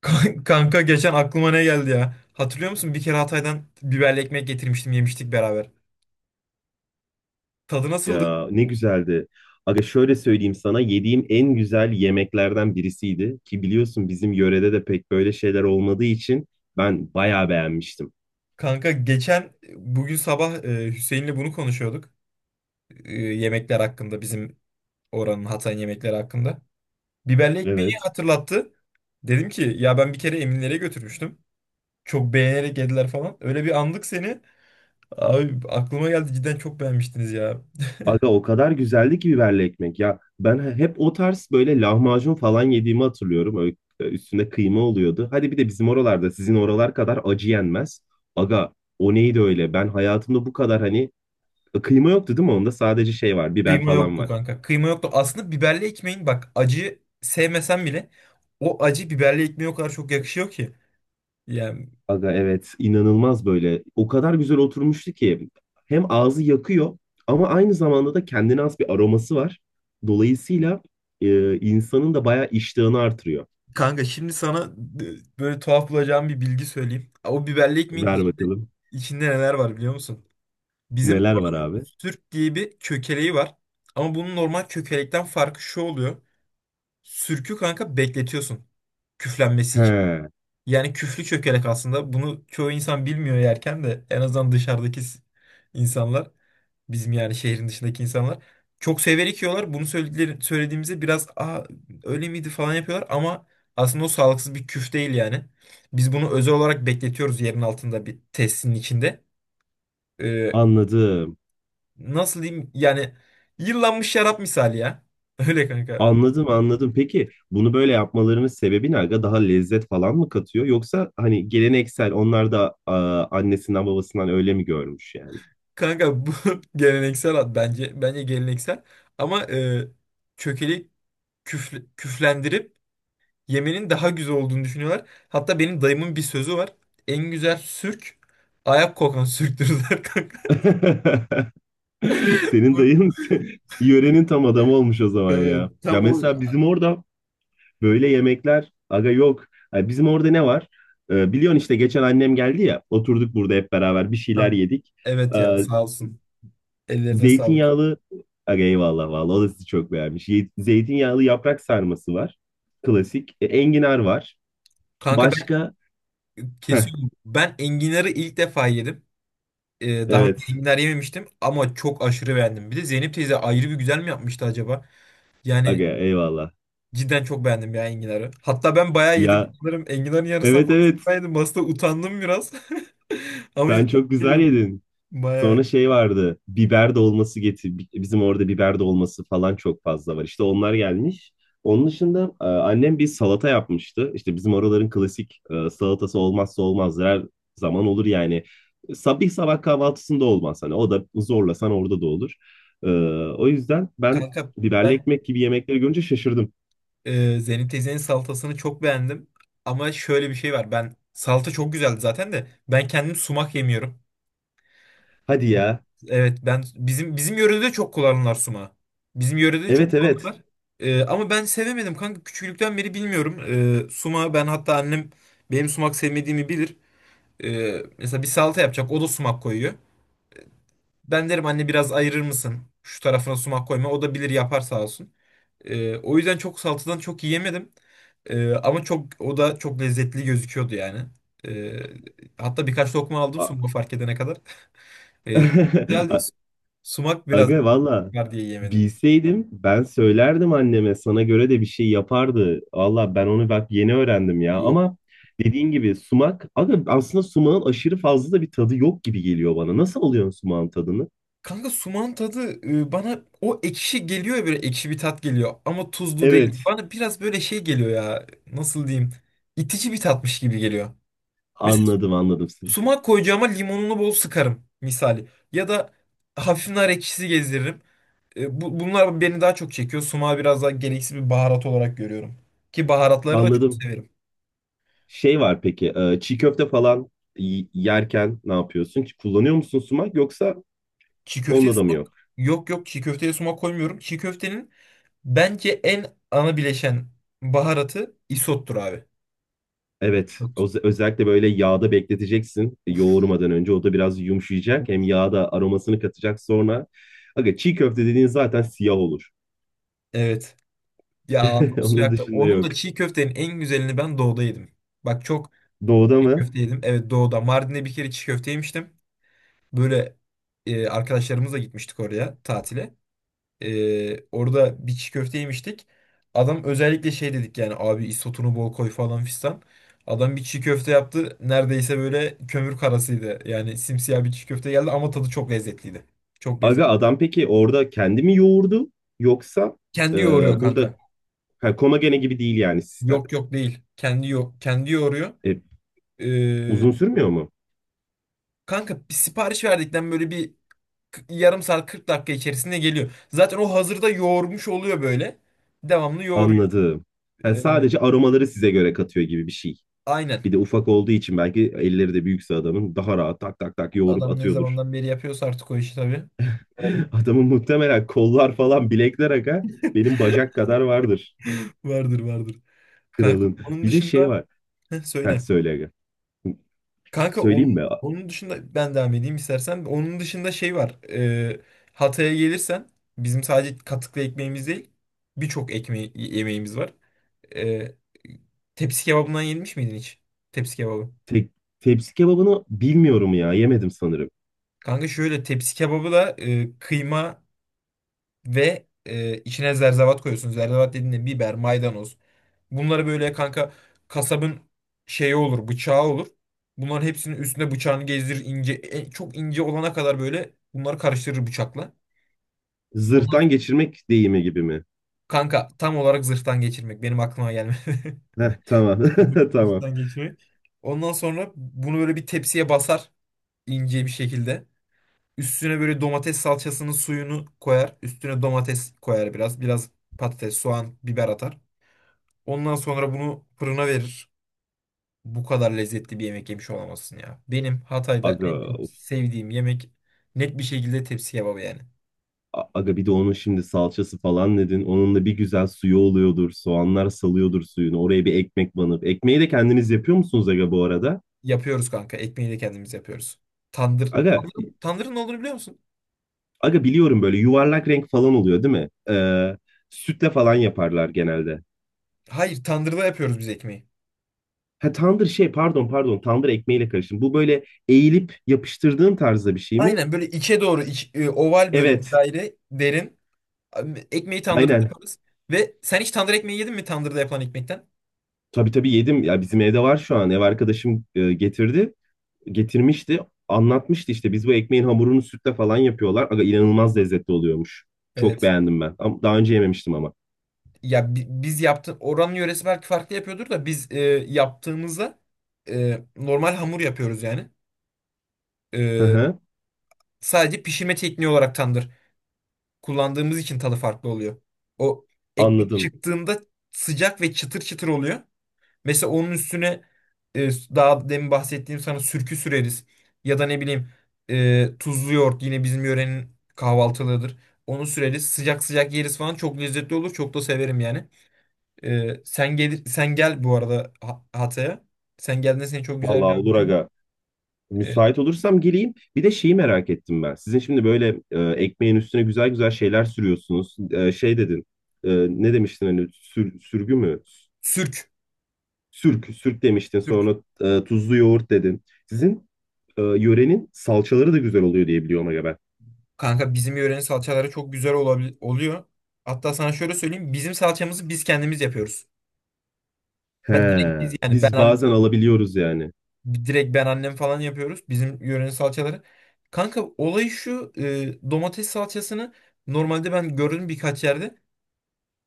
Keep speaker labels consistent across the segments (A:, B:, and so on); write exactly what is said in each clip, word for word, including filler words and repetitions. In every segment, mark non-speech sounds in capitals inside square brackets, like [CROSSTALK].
A: Kan- Kanka geçen aklıma ne geldi ya? Hatırlıyor musun? Bir kere Hatay'dan biberli ekmek getirmiştim, yemiştik beraber. Tadı nasıldı?
B: Ya ne güzeldi. Aga şöyle söyleyeyim sana yediğim en güzel yemeklerden birisiydi ki biliyorsun bizim yörede de pek böyle şeyler olmadığı için ben bayağı beğenmiştim.
A: Kanka geçen bugün sabah e, Hüseyin'le bunu konuşuyorduk. E, yemekler hakkında bizim oranın Hatay'ın yemekleri hakkında. Biberli ekmeği
B: Evet.
A: hatırlattı. Dedim ki ya ben bir kere Eminlere götürmüştüm. Çok beğenerek yediler falan. Öyle bir andık seni. Abi aklıma geldi cidden çok beğenmiştiniz ya.
B: Aga o kadar güzeldi ki biberli ekmek. Ya ben he- hep o tarz böyle lahmacun falan yediğimi hatırlıyorum. Öyle e, üstünde kıyma oluyordu. Hadi bir de bizim oralarda sizin oralar kadar acı yenmez. Aga o neydi öyle? Ben hayatımda bu kadar hani e, kıyma yoktu değil mi? Onda sadece şey var, biber
A: Kıyma
B: falan
A: yoktu
B: var.
A: kanka. Kıyma yoktu. Aslında biberli ekmeğin bak acı sevmesen bile o acı biberli ekmeğe o kadar çok yakışıyor ki. Yani
B: Aga evet inanılmaz böyle. O kadar güzel oturmuştu ki hem ağzı yakıyor ama aynı zamanda da kendine has bir aroması var. Dolayısıyla e, insanın da bayağı iştahını artırıyor.
A: kanka şimdi sana e, böyle tuhaf bulacağım bir bilgi söyleyeyim. O biberli ekmeğin
B: Ver
A: içinde,
B: bakalım.
A: içinde neler var biliyor musun? Bizim
B: Neler var
A: oranın
B: abi?
A: sürk diye bir kökeleği var. Ama bunun normal kökelekten farkı şu oluyor. Sürkü kanka bekletiyorsun küflenmesi için.
B: He.
A: Yani küflü çökelek aslında. Bunu çoğu insan bilmiyor yerken de en azından dışarıdaki s- insanlar. Bizim yani şehrin dışındaki insanlar. Çok severek yiyorlar. Bunu söyledikleri, söylediğimizde biraz Aa, öyle miydi falan yapıyorlar ama aslında o sağlıksız bir küf değil yani. Biz bunu özel olarak bekletiyoruz yerin altında bir tesisinin içinde. Ee,
B: Anladım.
A: nasıl diyeyim yani yıllanmış şarap misali ya. [LAUGHS] Öyle kanka.
B: Anladım anladım. Peki bunu böyle yapmalarının sebebi ne aga? Daha lezzet falan mı katıyor? Yoksa hani geleneksel onlar da a, annesinden babasından öyle mi görmüş yani?
A: Kanka bu [LAUGHS] geleneksel ad bence. Bence geleneksel. Ama e, çökeli küfle- küflendirip yemenin daha güzel olduğunu düşünüyorlar. Hatta benim dayımın bir sözü var. En güzel sürk ayak kokan sürktürürler kanka.
B: [LAUGHS] [LAUGHS] Senin dayın
A: [LAUGHS]
B: [LAUGHS] yörenin tam adamı olmuş o zaman
A: Evet,
B: ya. Ya
A: tam o.
B: mesela bizim orada böyle yemekler aga yok. Yani bizim orada ne var? Ee, biliyorsun işte geçen annem geldi ya. Oturduk burada hep beraber bir şeyler
A: Kanka.
B: yedik.
A: Evet ya
B: Ee,
A: sağ olsun. Ellerine sağlık.
B: zeytinyağlı aga eyvallah vallahi o da sizi çok beğenmiş. Ye- Zeytinyağlı yaprak sarması var. Klasik. E, enginar var.
A: Kanka ben
B: Başka? Heh,
A: kesiyorum. Ben enginarı ilk defa yedim. Ee, daha önce
B: evet
A: enginar yememiştim ama çok aşırı beğendim. Bir de Zeynep teyze ayrı bir güzel mi yapmıştı acaba? Yani
B: aga eyvallah.
A: cidden çok beğendim ya enginarı. Hatta ben bayağı yedim.
B: Ya,
A: Sanırım enginarın yarısından
B: evet, evet,
A: fazla yedim. Aslında utandım biraz. [LAUGHS] Ama
B: sen
A: ilk defa
B: çok güzel
A: yiyordum.
B: yedin.
A: Bayağı.
B: Sonra şey vardı. Biber dolması getir. bi- Bizim orada biber dolması falan çok fazla var. İşte onlar gelmiş. Onun dışında e, annem bir salata yapmıştı. İşte bizim oraların klasik e, salatası olmazsa olmazdır. Her zaman olur yani. Sabah sabah kahvaltısında olmaz hani. O da zorlasan orada da olur. E, o yüzden ben
A: Kanka
B: biberli
A: ben
B: ekmek gibi yemekleri görünce şaşırdım.
A: e, Zeynep teyzenin salatasını çok beğendim. Ama şöyle bir şey var. Ben salata çok güzeldi zaten de. Ben kendim sumak yemiyorum.
B: Hadi ya.
A: Evet ben bizim bizim yörede çok kullanırlar sumağı. Bizim yörede
B: Evet,
A: çok
B: evet.
A: kullanırlar. E, ama ben sevemedim kanka. Küçüklükten beri bilmiyorum. E, sumağı ben hatta annem benim sumak sevmediğimi bilir. Ee, mesela bir salata yapacak. O da sumak koyuyor. Ben derim anne biraz ayırır mısın? Şu tarafına sumak koyma. O da bilir yapar sağ olsun. Ee, o yüzden çok salatadan çok yiyemedim. Ee, ama çok o da çok lezzetli gözüküyordu yani. Ee, hatta birkaç lokma aldım
B: A-
A: sumak fark edene kadar. [LAUGHS] Ee, güzeldi.
B: [LAUGHS]
A: Sumak biraz
B: Aga valla
A: var diye yemedim.
B: bilseydim ben söylerdim anneme sana göre de bir şey yapardı. Valla ben onu bak yeni öğrendim ya
A: Yok
B: ama dediğin gibi sumak aga aslında sumağın aşırı fazla da bir tadı yok gibi geliyor bana. Nasıl alıyorsun sumağın tadını?
A: kanka, sumağın tadı e, bana o ekşi geliyor ya böyle ekşi bir tat geliyor ama tuzlu
B: Evet,
A: değil. Bana biraz böyle şey geliyor ya nasıl diyeyim itici bir tatmış gibi geliyor. Mesela
B: anladım anladım seni.
A: sumak koyacağıma limonunu bol sıkarım misali ya da hafif nar ekşisi gezdiririm. E, bu, bunlar beni daha çok çekiyor. Sumağı biraz daha gereksiz bir baharat olarak görüyorum. Ki baharatları da çok
B: Anladım.
A: severim.
B: Şey var peki e, çiğ köfte falan y- yerken ne yapıyorsun? Kullanıyor musun sumak yoksa
A: Çiğ köfteye
B: onunla da mı
A: sumak
B: yok?
A: yok, yok çiğ köfteye sumak koymuyorum. Çiğ köftenin bence en ana bileşen baharatı isottur abi.
B: Evet, öz- özellikle böyle yağda bekleteceksin e,
A: Uf,
B: yoğurmadan önce. O da biraz yumuşayacak. Hem
A: uf.
B: yağda aromasını katacak sonra. Aga çiğ köfte dediğin zaten siyah olur.
A: Evet. Ya ağzım
B: [LAUGHS]
A: suyu
B: Onun
A: aktı.
B: dışında
A: Onun
B: yok.
A: da çiğ köftenin en güzelini ben doğuda yedim. Bak çok
B: Doğuda
A: çiğ
B: mı?
A: köfte yedim. Evet doğuda. Mardin'de bir kere çiğ köfte yemiştim. Böyle e, arkadaşlarımızla gitmiştik oraya tatile. E, orada bir çiğ köfte yemiştik. Adam özellikle şey dedik yani abi isotunu bol koy falan fistan. Adam bir çiğ köfte yaptı. Neredeyse böyle kömür karasıydı. Yani simsiyah bir çiğ köfte geldi ama tadı çok lezzetliydi. Çok
B: Aga
A: lezzetli.
B: adam peki orada kendi mi yoğurdu yoksa e,
A: Kendi yoğuruyor
B: burada
A: kanka.
B: ha, Komagene gibi değil yani sistem.
A: Yok yok değil. Kendi yo kendi yoğuruyor.
B: E,
A: Ee,
B: uzun sürmüyor mu?
A: kanka bir sipariş verdikten böyle bir k- yarım saat kırk dakika içerisinde geliyor. Zaten o hazırda yoğurmuş oluyor böyle. Devamlı yoğuruyor.
B: Anladım. Ha,
A: Ee,
B: sadece aromaları size göre katıyor gibi bir şey.
A: aynen.
B: Bir de ufak olduğu için belki elleri de büyükse adamın daha rahat tak tak tak yoğurup
A: Adam ne
B: atıyordur.
A: zamandan beri yapıyorsa artık o işi tabii. Varın-
B: Adamın muhtemelen kollar falan bilekler aga benim bacak kadar vardır
A: Vardır vardır. Kanka
B: kralın.
A: onun
B: Bir de şey
A: dışında.
B: var.
A: Heh,
B: Ha,
A: söyle.
B: söyle aga.
A: Kanka
B: Söyleyeyim
A: onun
B: mi?
A: onun dışında ben devam edeyim istersen. Onun dışında şey var. Ee, Hatay'a gelirsen bizim sadece katıklı ekmeğimiz değil birçok ekmeği yemeğimiz var. Ee, tepsi kebabından yenmiş miydin hiç? Tepsi kebabı.
B: Te- tepsi kebabını bilmiyorum ya. Yemedim sanırım.
A: Kanka şöyle tepsi kebabı da e, kıyma ve e, içine zerzevat koyuyorsun. Zerzevat dediğinde biber, maydanoz. Bunları böyle kanka kasabın şeyi olur, bıçağı olur. Bunların hepsinin üstüne bıçağını gezdirir ince, e, çok ince olana kadar böyle bunları karıştırır bıçakla. Ondan
B: Zırhtan
A: sonra
B: geçirmek deyimi gibi mi?
A: kanka tam olarak zırhtan geçirmek benim aklıma gelmedi. [LAUGHS]
B: Heh, tamam. [LAUGHS] Tamam.
A: Zırhtan geçirmek. Ondan sonra bunu böyle bir tepsiye basar ince bir şekilde. Üstüne böyle domates salçasının suyunu koyar. Üstüne domates koyar biraz. Biraz patates, soğan, biber atar. Ondan sonra bunu fırına verir. Bu kadar lezzetli bir yemek yemiş olamazsın ya. Benim Hatay'da
B: Aga
A: en çok sevdiğim yemek net bir şekilde tepsi kebabı yani.
B: A- Aga bir de onun şimdi salçası falan dedin. Onun da bir güzel suyu oluyordur. Soğanlar salıyordur suyunu. Oraya bir ekmek banıp. Ekmeği de kendiniz yapıyor musunuz aga bu arada?
A: Yapıyoruz kanka. Ekmeği de kendimiz yapıyoruz. Tandır.
B: Aga,
A: Tandırın, tandırın ne olduğunu biliyor musun?
B: aga biliyorum böyle yuvarlak renk falan oluyor değil mi? Ee, sütle falan yaparlar genelde.
A: Hayır, tandırda yapıyoruz biz ekmeği.
B: Ha, tandır şey pardon pardon tandır ekmeğiyle karıştım. Bu böyle eğilip yapıştırdığın tarzda bir şey mi?
A: Aynen böyle içe doğru iç- e, oval böyle bir
B: Evet,
A: daire derin. Abi, ekmeği tandırda
B: aynen.
A: yaparız. Ve sen hiç tandır ekmeği yedin mi tandırda yapılan ekmekten?
B: Tabii tabii yedim. Ya bizim evde var şu an. Ev arkadaşım e, getirdi. Getirmişti. Anlatmıştı işte biz bu ekmeğin hamurunu sütle falan yapıyorlar. Aga inanılmaz lezzetli oluyormuş. Çok
A: Evet.
B: beğendim ben. Ama daha önce yememiştim ama.
A: Ya bi- biz yaptı oranın yöresi belki farklı yapıyordur da biz e, yaptığımızda e, normal hamur yapıyoruz yani.
B: Hı
A: E,
B: hı,
A: sadece pişirme tekniği olarak tandır kullandığımız için tadı farklı oluyor. O ekmek
B: anladım.
A: çıktığında sıcak ve çıtır çıtır oluyor. Mesela onun üstüne e, daha demin bahsettiğim sana sürkü süreriz. Ya da ne bileyim e, tuzlu yoğurt yine bizim yörenin kahvaltılığıdır. Onu süreriz. Sıcak sıcak yeriz falan. Çok lezzetli olur. Çok da severim yani. E, sen gel sen gel bu arada Ha- Hatay'a. Sen geldiğinde seni çok güzel
B: Vallahi olur
A: gördüm.
B: aga.
A: E,
B: Müsait olursam geleyim. Bir de şeyi merak ettim ben. Sizin şimdi böyle e, ekmeğin üstüne güzel güzel şeyler sürüyorsunuz. E, şey dedin. e, ne demiştin hani sür- sürgü mü?
A: sürk.
B: Sürk, sürk demiştin.
A: Sürk.
B: Sonra e, tuzlu yoğurt dedin. Sizin e, yörenin salçaları da güzel oluyor diye biliyorum aga ben.
A: Kanka bizim yörenin salçaları çok güzel olabil- oluyor. Hatta sana şöyle söyleyeyim. Bizim salçamızı biz kendimiz yapıyoruz. Ben direkt
B: He,
A: biz yani
B: biz
A: ben
B: bazen alabiliyoruz yani.
A: direkt ben annem falan yapıyoruz. Bizim yörenin salçaları. Kanka olay şu, e, domates salçasını normalde ben gördüm birkaç yerde.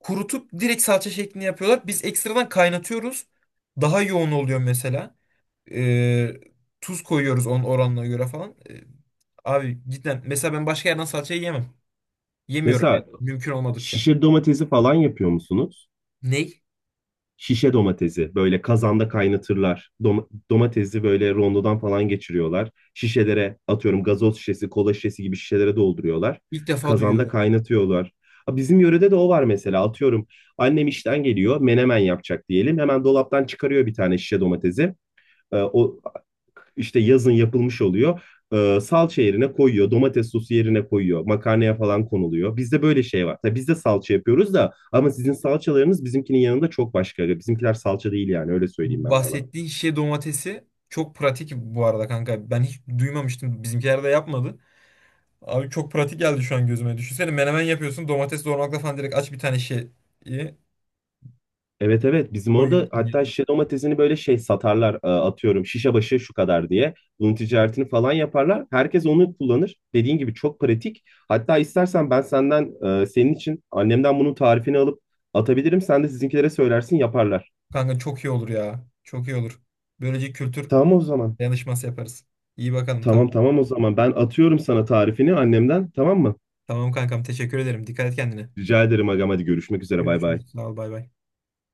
A: Kurutup direkt salça şeklinde yapıyorlar. Biz ekstradan kaynatıyoruz. Daha yoğun oluyor mesela. E, tuz koyuyoruz onun oranına göre falan. E, abi cidden mesela ben başka yerden salçayı yemem. Yemiyorum yani
B: Mesela
A: mümkün olmadıkça.
B: şişe domatesi falan yapıyor musunuz?
A: Ney?
B: Şişe domatesi böyle kazanda kaynatırlar. Dom- domatesi böyle rondodan falan geçiriyorlar. Şişelere atıyorum gazoz şişesi, kola şişesi gibi şişelere dolduruyorlar.
A: İlk defa
B: Kazanda
A: duyuyorum.
B: kaynatıyorlar. Ha, bizim yörede de o var mesela atıyorum annem işten geliyor menemen yapacak diyelim. Hemen dolaptan çıkarıyor bir tane şişe domatesi. Ee, o işte yazın yapılmış oluyor. Ee, salça yerine koyuyor, domates sosu yerine koyuyor, makarnaya falan konuluyor. Bizde böyle şey var. Tabii biz de salça yapıyoruz da ama sizin salçalarınız bizimkinin yanında çok başka. Bizimkiler salça değil yani öyle söyleyeyim ben sana.
A: Bahsettiğin şişe domatesi çok pratik bu arada kanka. Ben hiç duymamıştım. Bizimkiler de yapmadı. Abi çok pratik geldi şu an gözüme. Düşünsene menemen yapıyorsun. Domates doğramakla falan direkt aç bir tane şeyi
B: Evet, evet, bizim orada
A: koyuyorsun
B: hatta
A: yanına.
B: şişe domatesini böyle şey satarlar e, atıyorum şişe başı şu kadar diye. Bunun ticaretini falan yaparlar. Herkes onu kullanır. Dediğin gibi çok pratik. Hatta istersen ben senden e, senin için annemden bunun tarifini alıp atabilirim. Sen de sizinkilere söylersin yaparlar.
A: Kanka çok iyi olur ya. Çok iyi olur. Böylece kültür
B: Tamam o zaman.
A: dayanışması yaparız. İyi bakalım
B: Tamam,
A: tamam.
B: tamam, o zaman ben atıyorum sana tarifini annemden, tamam mı?
A: Tamam kankam teşekkür ederim. Dikkat et kendine.
B: Rica ederim agam, hadi görüşmek üzere, bay bay.
A: Görüşürüz. Sağ ol bay bay.